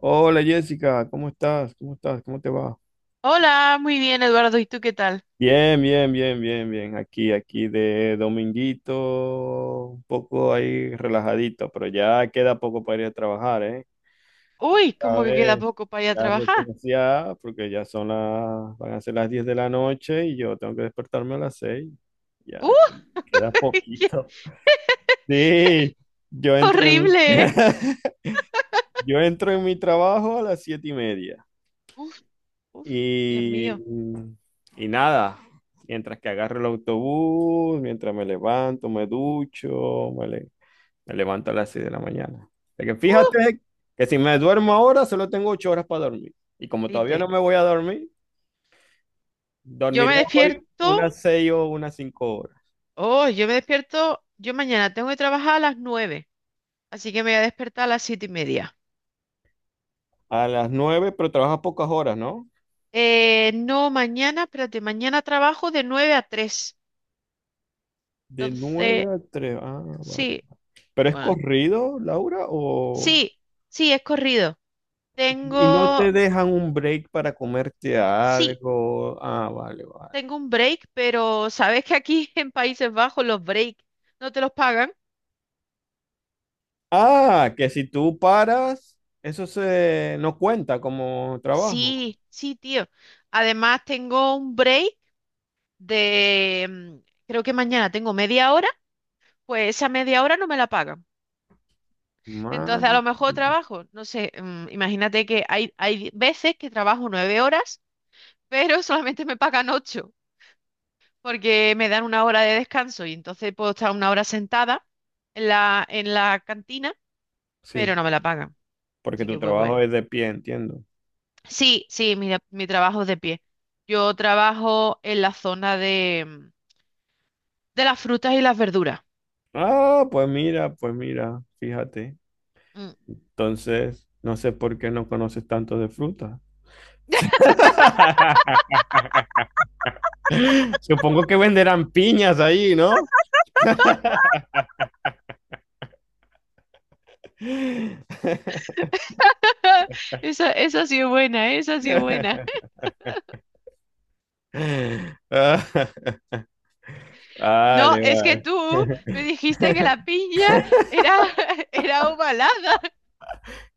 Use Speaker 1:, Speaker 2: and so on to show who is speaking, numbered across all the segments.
Speaker 1: Hola Jessica, ¿cómo estás? ¿Cómo estás? ¿Cómo te va?
Speaker 2: Hola, muy bien, Eduardo. ¿Y tú qué tal?
Speaker 1: Bien, bien, bien, bien, bien. Aquí de dominguito, un poco ahí relajadito, pero ya queda poco para ir a trabajar, ¿eh?
Speaker 2: Uy,
Speaker 1: Cada
Speaker 2: como que queda
Speaker 1: vez
Speaker 2: poco para ir a
Speaker 1: ya
Speaker 2: trabajar.
Speaker 1: referenciada, porque ya van a ser las 10 de la noche y yo tengo que despertarme a las 6. Ya
Speaker 2: ¡Uy!
Speaker 1: queda
Speaker 2: ¡Qué
Speaker 1: poquito. Sí, yo entro
Speaker 2: horrible!
Speaker 1: en,
Speaker 2: ¿Eh?
Speaker 1: yo entro en mi trabajo a las 7:30.
Speaker 2: Uf, uf, Dios
Speaker 1: Y,
Speaker 2: mío.
Speaker 1: y nada, mientras que agarro el autobús, mientras me levanto, me ducho, me levanto a las 6 de la mañana. De que
Speaker 2: ¡Uh!
Speaker 1: fíjate que si me duermo ahora, solo tengo 8 horas para dormir. Y como todavía
Speaker 2: Dite,
Speaker 1: no me voy a dormir,
Speaker 2: yo
Speaker 1: dormiré
Speaker 2: me
Speaker 1: hoy
Speaker 2: despierto.
Speaker 1: unas 6 o unas 5 horas.
Speaker 2: Oh, yo me despierto. Yo mañana tengo que trabajar a las 9, así que me voy a despertar a las 7:30.
Speaker 1: A las 9 pero trabajas pocas horas, ¿no?
Speaker 2: No, mañana, espérate, mañana trabajo de 9 a 3.
Speaker 1: De
Speaker 2: Entonces,
Speaker 1: 9 a 3. Ah, vale.
Speaker 2: sí,
Speaker 1: ¿Pero es
Speaker 2: bueno,
Speaker 1: corrido, Laura, o...?
Speaker 2: sí, sí, es corrido.
Speaker 1: Y no te
Speaker 2: Tengo,
Speaker 1: dejan un break para comerte
Speaker 2: sí.
Speaker 1: algo. Ah, vale, vale.
Speaker 2: Tengo un break, pero ¿sabes que aquí en Países Bajos los breaks no te los pagan?
Speaker 1: Ah, que si tú paras, eso se no cuenta como trabajo.
Speaker 2: Sí, sí, tío. Además, tengo un break de, mm, creo que mañana tengo media hora, pues esa media hora no me la pagan. Entonces, a
Speaker 1: Man.
Speaker 2: lo mejor trabajo, no sé, imagínate que hay veces que trabajo 9 horas, pero solamente me pagan ocho, porque me dan 1 hora de descanso y entonces puedo estar 1 hora sentada en la cantina,
Speaker 1: Sí,
Speaker 2: pero no me la pagan.
Speaker 1: porque
Speaker 2: Así
Speaker 1: tu
Speaker 2: que, pues
Speaker 1: trabajo
Speaker 2: bueno.
Speaker 1: es de pie, entiendo.
Speaker 2: Sí, sí, mira, mi trabajo es de pie. Yo trabajo en la zona de las frutas y las verduras.
Speaker 1: Ah, pues mira, fíjate.
Speaker 2: Mm.
Speaker 1: Entonces, no sé por qué no conoces tanto de fruta. Supongo que venderán piñas ahí, ¿no?
Speaker 2: Esa sí es buena, esa sí es buena.
Speaker 1: Ah,
Speaker 2: No,
Speaker 1: vale,
Speaker 2: es que
Speaker 1: vale.
Speaker 2: tú me dijiste que la piña era, era ovalada.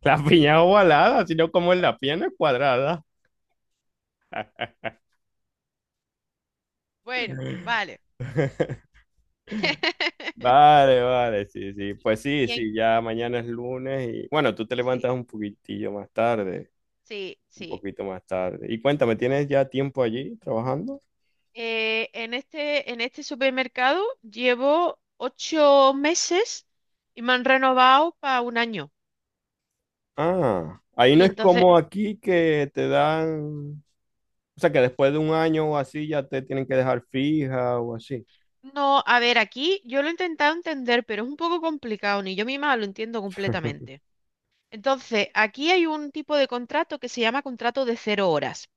Speaker 1: La piña es ovalada, sino como en la pierna es cuadrada.
Speaker 2: Bueno, vale.
Speaker 1: Vale, vale, sí, sí. Pues sí,
Speaker 2: Y en-
Speaker 1: sí, ya mañana es lunes y bueno, tú te levantas
Speaker 2: sí,
Speaker 1: un poquitillo más tarde,
Speaker 2: sí,
Speaker 1: un
Speaker 2: sí.
Speaker 1: poquito más tarde. Y cuéntame,
Speaker 2: O-
Speaker 1: ¿tienes ya tiempo allí trabajando?
Speaker 2: en este supermercado llevo 8 meses y me han renovado para un año.
Speaker 1: Ah, ahí no
Speaker 2: Y
Speaker 1: es
Speaker 2: entonces,
Speaker 1: como aquí que te dan, o sea, que después de un año o así ya te tienen que dejar fija o así.
Speaker 2: no, a ver, aquí yo lo he intentado entender, pero es un poco complicado, ni yo misma lo entiendo completamente. Entonces, aquí hay un tipo de contrato que se llama contrato de cero horas,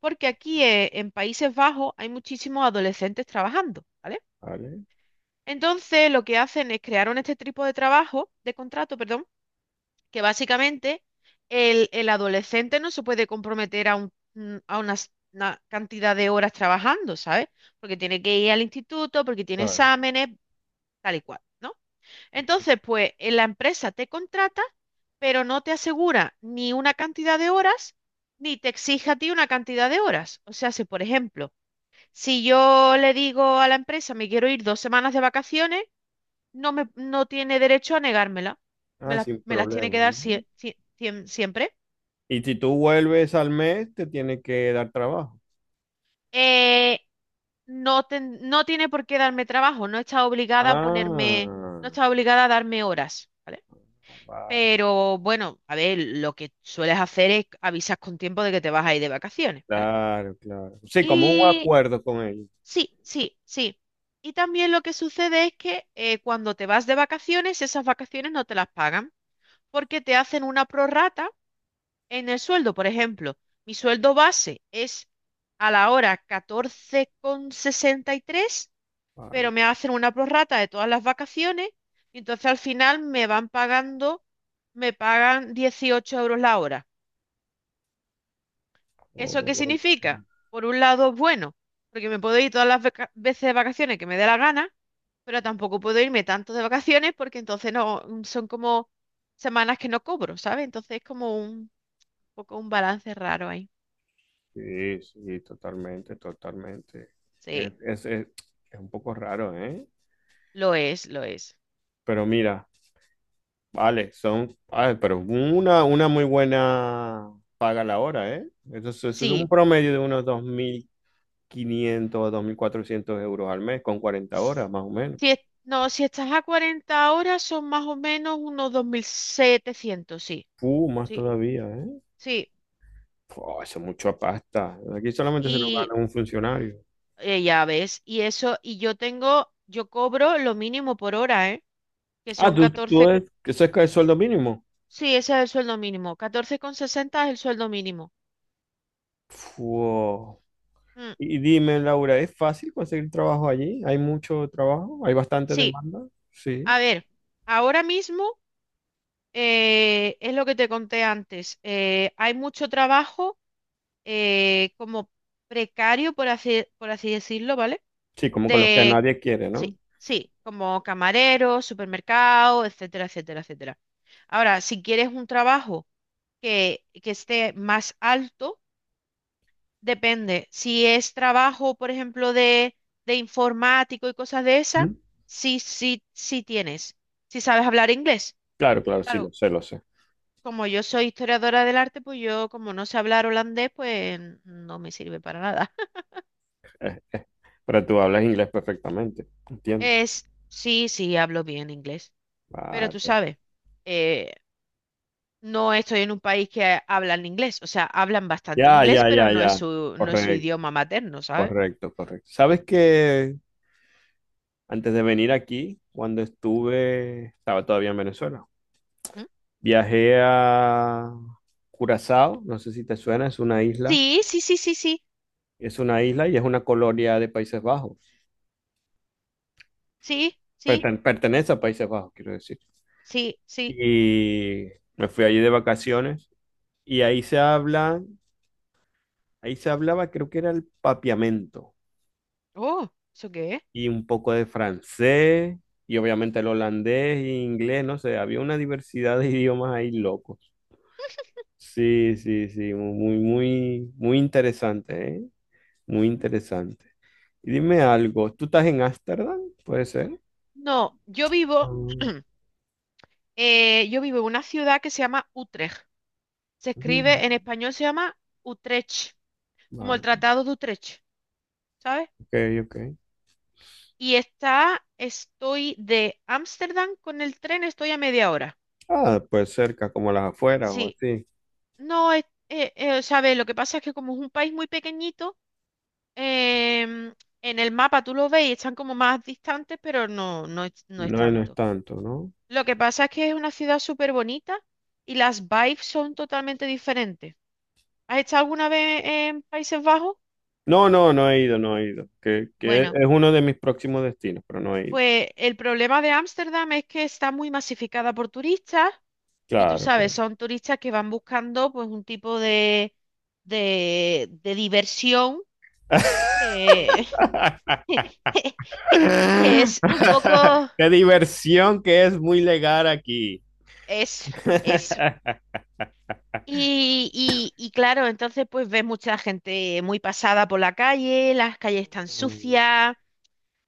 Speaker 2: porque aquí en Países Bajos hay muchísimos adolescentes trabajando, ¿vale?
Speaker 1: Vale,
Speaker 2: Entonces, lo que hacen es crear un este tipo de trabajo, de contrato, perdón, que básicamente el adolescente no se puede comprometer a una cantidad de horas trabajando, ¿sabes? Porque tiene que ir al instituto, porque tiene
Speaker 1: claro.
Speaker 2: exámenes, tal y cual, ¿no? Entonces, pues la empresa te contrata, pero no te asegura ni una cantidad de horas, ni te exige a ti una cantidad de horas. O sea, si por ejemplo, si yo le digo a la empresa, me quiero ir 2 semanas de vacaciones, no tiene derecho a negármela. Me
Speaker 1: Ah,
Speaker 2: las,
Speaker 1: sin
Speaker 2: me las tiene que
Speaker 1: problema,
Speaker 2: dar
Speaker 1: ¿no?
Speaker 2: siempre.
Speaker 1: Y si tú vuelves al mes, te tiene que dar trabajo.
Speaker 2: Eh, no, no tiene por qué darme trabajo, no está obligada a ponerme,
Speaker 1: Ah,
Speaker 2: no está obligada a darme horas, ¿vale?
Speaker 1: vale,
Speaker 2: Pero bueno, a ver, lo que sueles hacer es avisas con tiempo de que te vas a ir de vacaciones, ¿vale?
Speaker 1: claro, claro. Sí, como un
Speaker 2: Y
Speaker 1: acuerdo con ellos.
Speaker 2: sí, sí, sí. Y también lo que sucede es que cuando te vas de vacaciones, esas vacaciones no te las pagan porque te hacen una prorrata en el sueldo. Por ejemplo, mi sueldo base es a la hora 14,63,
Speaker 1: Vale.
Speaker 2: pero me hacen una prorrata de todas las vacaciones y entonces al final me van pagando, me pagan 18 euros la hora. ¿Eso qué
Speaker 1: Ok.
Speaker 2: significa? Por un lado, es bueno, porque me puedo ir todas las veces de vacaciones que me dé la gana, pero tampoco puedo irme tanto de vacaciones porque entonces no son como semanas que no cobro, ¿sabes? Entonces es como un poco un balance raro ahí.
Speaker 1: Sí, sí, totalmente, totalmente. Es,
Speaker 2: Sí,
Speaker 1: es- es- es un poco raro, ¿eh?
Speaker 2: lo es, lo es.
Speaker 1: Pero mira, vale, ah, pero una muy buena paga la hora, ¿eh? Eso es
Speaker 2: Sí,
Speaker 1: un promedio de unos 2.500 a 400 euros al mes, con 40
Speaker 2: s-
Speaker 1: horas, más o menos.
Speaker 2: no, si estás a 40 horas son más o menos unos 2700, sí,
Speaker 1: Más
Speaker 2: sí,
Speaker 1: todavía, ¿eh?
Speaker 2: sí.
Speaker 1: Pua, eso es mucha pasta. Aquí solamente se lo
Speaker 2: Y
Speaker 1: gana un funcionario.
Speaker 2: ya ves, y eso, yo cobro lo mínimo por hora, ¿eh? Que
Speaker 1: Ah,
Speaker 2: son
Speaker 1: tú
Speaker 2: catorce.
Speaker 1: es, eso es que el sueldo mínimo.
Speaker 2: Sí, ese es el sueldo mínimo. 14,60 es el sueldo mínimo.
Speaker 1: Fua.
Speaker 2: Mm,
Speaker 1: Y dime, Laura, ¿es fácil conseguir trabajo allí? ¿Hay mucho trabajo? ¿Hay bastante
Speaker 2: sí,
Speaker 1: demanda? Sí.
Speaker 2: a ver, ahora mismo es lo que te conté antes. Hay mucho trabajo como precario, por así decirlo, ¿vale?
Speaker 1: Sí, como con los que
Speaker 2: De,
Speaker 1: nadie quiere, ¿no?
Speaker 2: sí, sí, como camarero, supermercado, etcétera, etcétera, etcétera. Ahora, si quieres un trabajo que esté más alto. Depende. Si es trabajo, por ejemplo, de informático y cosas de esas,
Speaker 1: ¿Mm?
Speaker 2: sí, sí, sí tienes. Si sabes hablar inglés.
Speaker 1: Claro, claro, sí, lo
Speaker 2: Claro,
Speaker 1: sé, lo sé.
Speaker 2: como yo soy historiadora del arte, pues yo, como no sé hablar holandés, pues no me sirve para nada.
Speaker 1: Pero tú hablas inglés perfectamente. Entiendo.
Speaker 2: Sí, sí, hablo bien inglés. Pero tú
Speaker 1: Vale.
Speaker 2: sabes, eh, no estoy en un país que hablan inglés. O sea, hablan bastante
Speaker 1: Ya,
Speaker 2: inglés,
Speaker 1: ya,
Speaker 2: pero
Speaker 1: ya,
Speaker 2: no es
Speaker 1: ya.
Speaker 2: su, no es su
Speaker 1: Correcto,
Speaker 2: idioma materno, ¿sabes?
Speaker 1: correcto, correcto. ¿Sabes que antes de venir aquí, cuando estuve, estaba todavía en Venezuela?
Speaker 2: ¿Mm?
Speaker 1: Viajé a Curazao, no sé si te suena,
Speaker 2: Sí, sí, sí, sí, sí,
Speaker 1: es una isla y es una colonia de Países Bajos,
Speaker 2: sí, sí,
Speaker 1: pertenece a Países Bajos, quiero decir.
Speaker 2: sí, sí.
Speaker 1: Y me fui allí de vacaciones y ahí se habla, ahí se hablaba, creo que era el papiamento
Speaker 2: Oh, ¿eso qué es?
Speaker 1: y un poco de francés y obviamente el holandés e inglés, no sé, había una diversidad de idiomas ahí locos. Sí, sí, sí, muy, muy, muy interesante, ¿eh? Muy
Speaker 2: Mm.
Speaker 1: interesante. Y dime algo, ¿tú estás en Ámsterdam? ¿Puede ser?
Speaker 2: No, yo vivo,
Speaker 1: Mm,
Speaker 2: eh, yo vivo en una ciudad que se llama Utrecht. Se
Speaker 1: ujú.
Speaker 2: escribe en español, se llama Utrecht, como el
Speaker 1: Vale,
Speaker 2: Tratado de Utrecht, ¿sabes?
Speaker 1: ok, ok.
Speaker 2: Y estoy de Ámsterdam con el tren, estoy a media hora.
Speaker 1: Ah, pues cerca, como las afueras o
Speaker 2: Sí,
Speaker 1: así.
Speaker 2: no, ¿sabes? Lo que pasa es que como es un país muy pequeñito, em, en el mapa tú lo ves y están como más distantes, pero no, no es
Speaker 1: No, no es
Speaker 2: tanto.
Speaker 1: tanto, ¿no?
Speaker 2: Lo que pasa es que es una ciudad súper bonita y las vibes son totalmente diferentes. ¿Has estado alguna vez en Países Bajos?
Speaker 1: No, no, no he ido, no he ido. Que
Speaker 2: Bueno,
Speaker 1: es uno de mis próximos destinos, pero no he ido.
Speaker 2: pues el problema de Ámsterdam es que está muy masificada por turistas y tú
Speaker 1: Claro,
Speaker 2: sabes,
Speaker 1: claro.
Speaker 2: son turistas que van buscando pues un tipo de diversión que, que es un poco
Speaker 1: Qué diversión que es muy legal aquí.
Speaker 2: eso, eso. Y claro, entonces pues ves mucha gente muy pasada por la calle, las calles están
Speaker 1: Mm,
Speaker 2: sucias,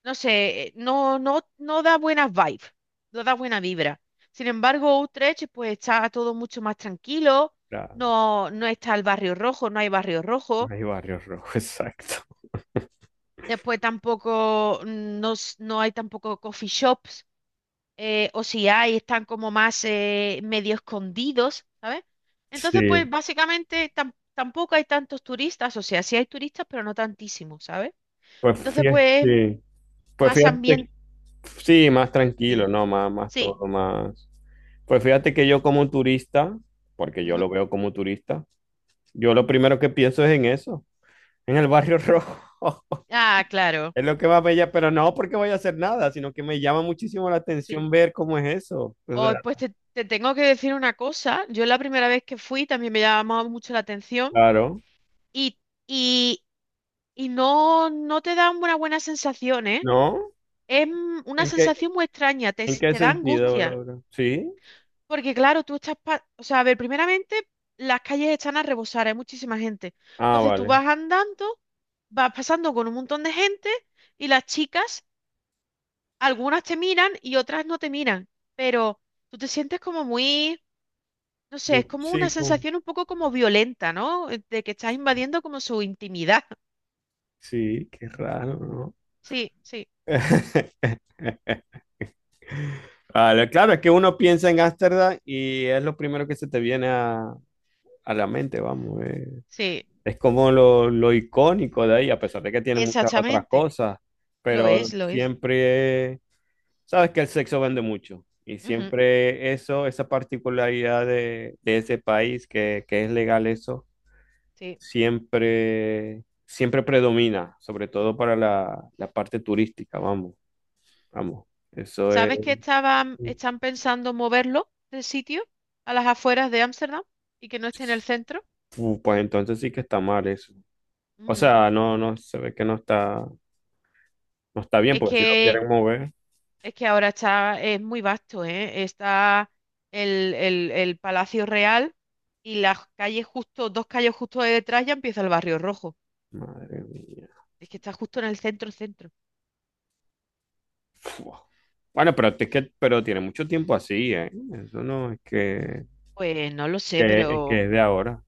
Speaker 2: no sé, no, no, no da buenas vibes, no da buena vibra. Sin embargo, Utrecht pues está todo mucho más tranquilo,
Speaker 1: claro,
Speaker 2: no, no está el barrio rojo, no hay barrio rojo,
Speaker 1: no hay barrio rojo, exacto.
Speaker 2: después tampoco no, no hay tampoco coffee shops o si hay, están como más medio escondidos, ¿sabes? Entonces, pues
Speaker 1: Sí.
Speaker 2: básicamente tampoco hay tantos turistas, o sea, sí hay turistas, pero no tantísimos, ¿sabes?
Speaker 1: Pues
Speaker 2: Entonces,
Speaker 1: fíjate,
Speaker 2: pues
Speaker 1: sí. Pues
Speaker 2: más
Speaker 1: fíjate,
Speaker 2: ambiente,
Speaker 1: sí, más tranquilo,
Speaker 2: dime.
Speaker 1: no, más, más
Speaker 2: Sí.
Speaker 1: todo, más. Pues fíjate que yo como turista, porque yo
Speaker 2: Ujú.
Speaker 1: lo veo como turista, yo lo primero que pienso es en eso, en el Barrio Rojo.
Speaker 2: Ah, claro.
Speaker 1: Es lo que más me llama, pero no porque voy a hacer nada, sino que me llama muchísimo la
Speaker 2: Sí.
Speaker 1: atención ver cómo es eso. O
Speaker 2: Hoy,
Speaker 1: sea,
Speaker 2: pues te tengo que decir una cosa, yo la primera vez que fui también me llamaba mucho la atención
Speaker 1: claro,
Speaker 2: y, y, y no te dan una buena sensación, ¿eh?
Speaker 1: ¿no?
Speaker 2: Es una
Speaker 1: ¿En qué,
Speaker 2: sensación muy extraña, te,
Speaker 1: en
Speaker 2: s-
Speaker 1: qué
Speaker 2: te da
Speaker 1: sentido,
Speaker 2: angustia.
Speaker 1: Laura? ¿Sí?
Speaker 2: Porque claro, tú estás, o sea, a ver, primeramente las calles están a rebosar, hay muchísima gente.
Speaker 1: Ah,
Speaker 2: Entonces tú
Speaker 1: vale.
Speaker 2: vas andando, vas pasando con un montón de gente y las chicas, algunas te miran y otras no te miran, pero tú te sientes como muy, no sé, es como una
Speaker 1: Sí, como-
Speaker 2: sensación un poco como violenta, ¿no? De que estás invadiendo como su intimidad.
Speaker 1: sí, qué raro, ¿no?
Speaker 2: Sí, sí,
Speaker 1: Vale, claro, es que uno piensa en Ámsterdam y es lo primero que se te viene a la mente, vamos. Eh.
Speaker 2: sí,
Speaker 1: Es como lo icónico de ahí, a pesar de que tiene muchas otras
Speaker 2: exactamente.
Speaker 1: cosas,
Speaker 2: Lo
Speaker 1: pero
Speaker 2: es, lo es.
Speaker 1: siempre, sabes que el sexo vende mucho y
Speaker 2: Ujú,
Speaker 1: siempre eso, esa particularidad de ese país que es legal eso,
Speaker 2: sí.
Speaker 1: siempre, siempre predomina, sobre
Speaker 2: Mm.
Speaker 1: todo para la parte turística, vamos, vamos. Eso es...
Speaker 2: ¿Sabes que estaban, están pensando moverlo del sitio a las afueras de Ámsterdam y que no esté en el centro?
Speaker 1: Pues entonces sí que está mal eso. O
Speaker 2: Mm,
Speaker 1: sea, no, no, se ve que no está, no está bien,
Speaker 2: es
Speaker 1: porque si lo
Speaker 2: que,
Speaker 1: quieren mover,
Speaker 2: es que ahora es muy vasto, ¿eh? Está el Palacio Real y las calles justo, dos calles justo de detrás ya empieza el Barrio Rojo.
Speaker 1: madre mía.
Speaker 2: Es que está justo en el centro, centro.
Speaker 1: Fua. Bueno, pero es que, pero tiene mucho tiempo así, ¿eh? Eso no es
Speaker 2: Pues no lo sé,
Speaker 1: es
Speaker 2: pero,
Speaker 1: que es de ahora.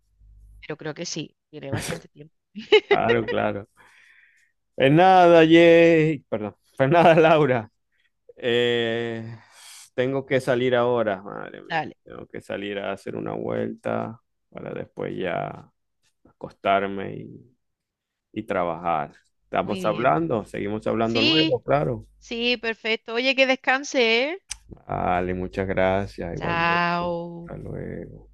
Speaker 2: pero creo que sí, tiene bastante tiempo.
Speaker 1: Claro, claro. Es nada, Jay. Perdón. Pues nada, Laura. Eh, tengo que salir ahora, madre mía.
Speaker 2: Dale,
Speaker 1: Tengo que salir a hacer una vuelta para después ya acostarme y trabajar.
Speaker 2: muy
Speaker 1: Estamos
Speaker 2: bien.
Speaker 1: hablando, seguimos hablando
Speaker 2: Sí,
Speaker 1: luego, claro.
Speaker 2: sí, perfecto. Oye, que descanse, ¿eh?
Speaker 1: Vale, muchas gracias, igualmente.
Speaker 2: Chao.
Speaker 1: Hasta luego.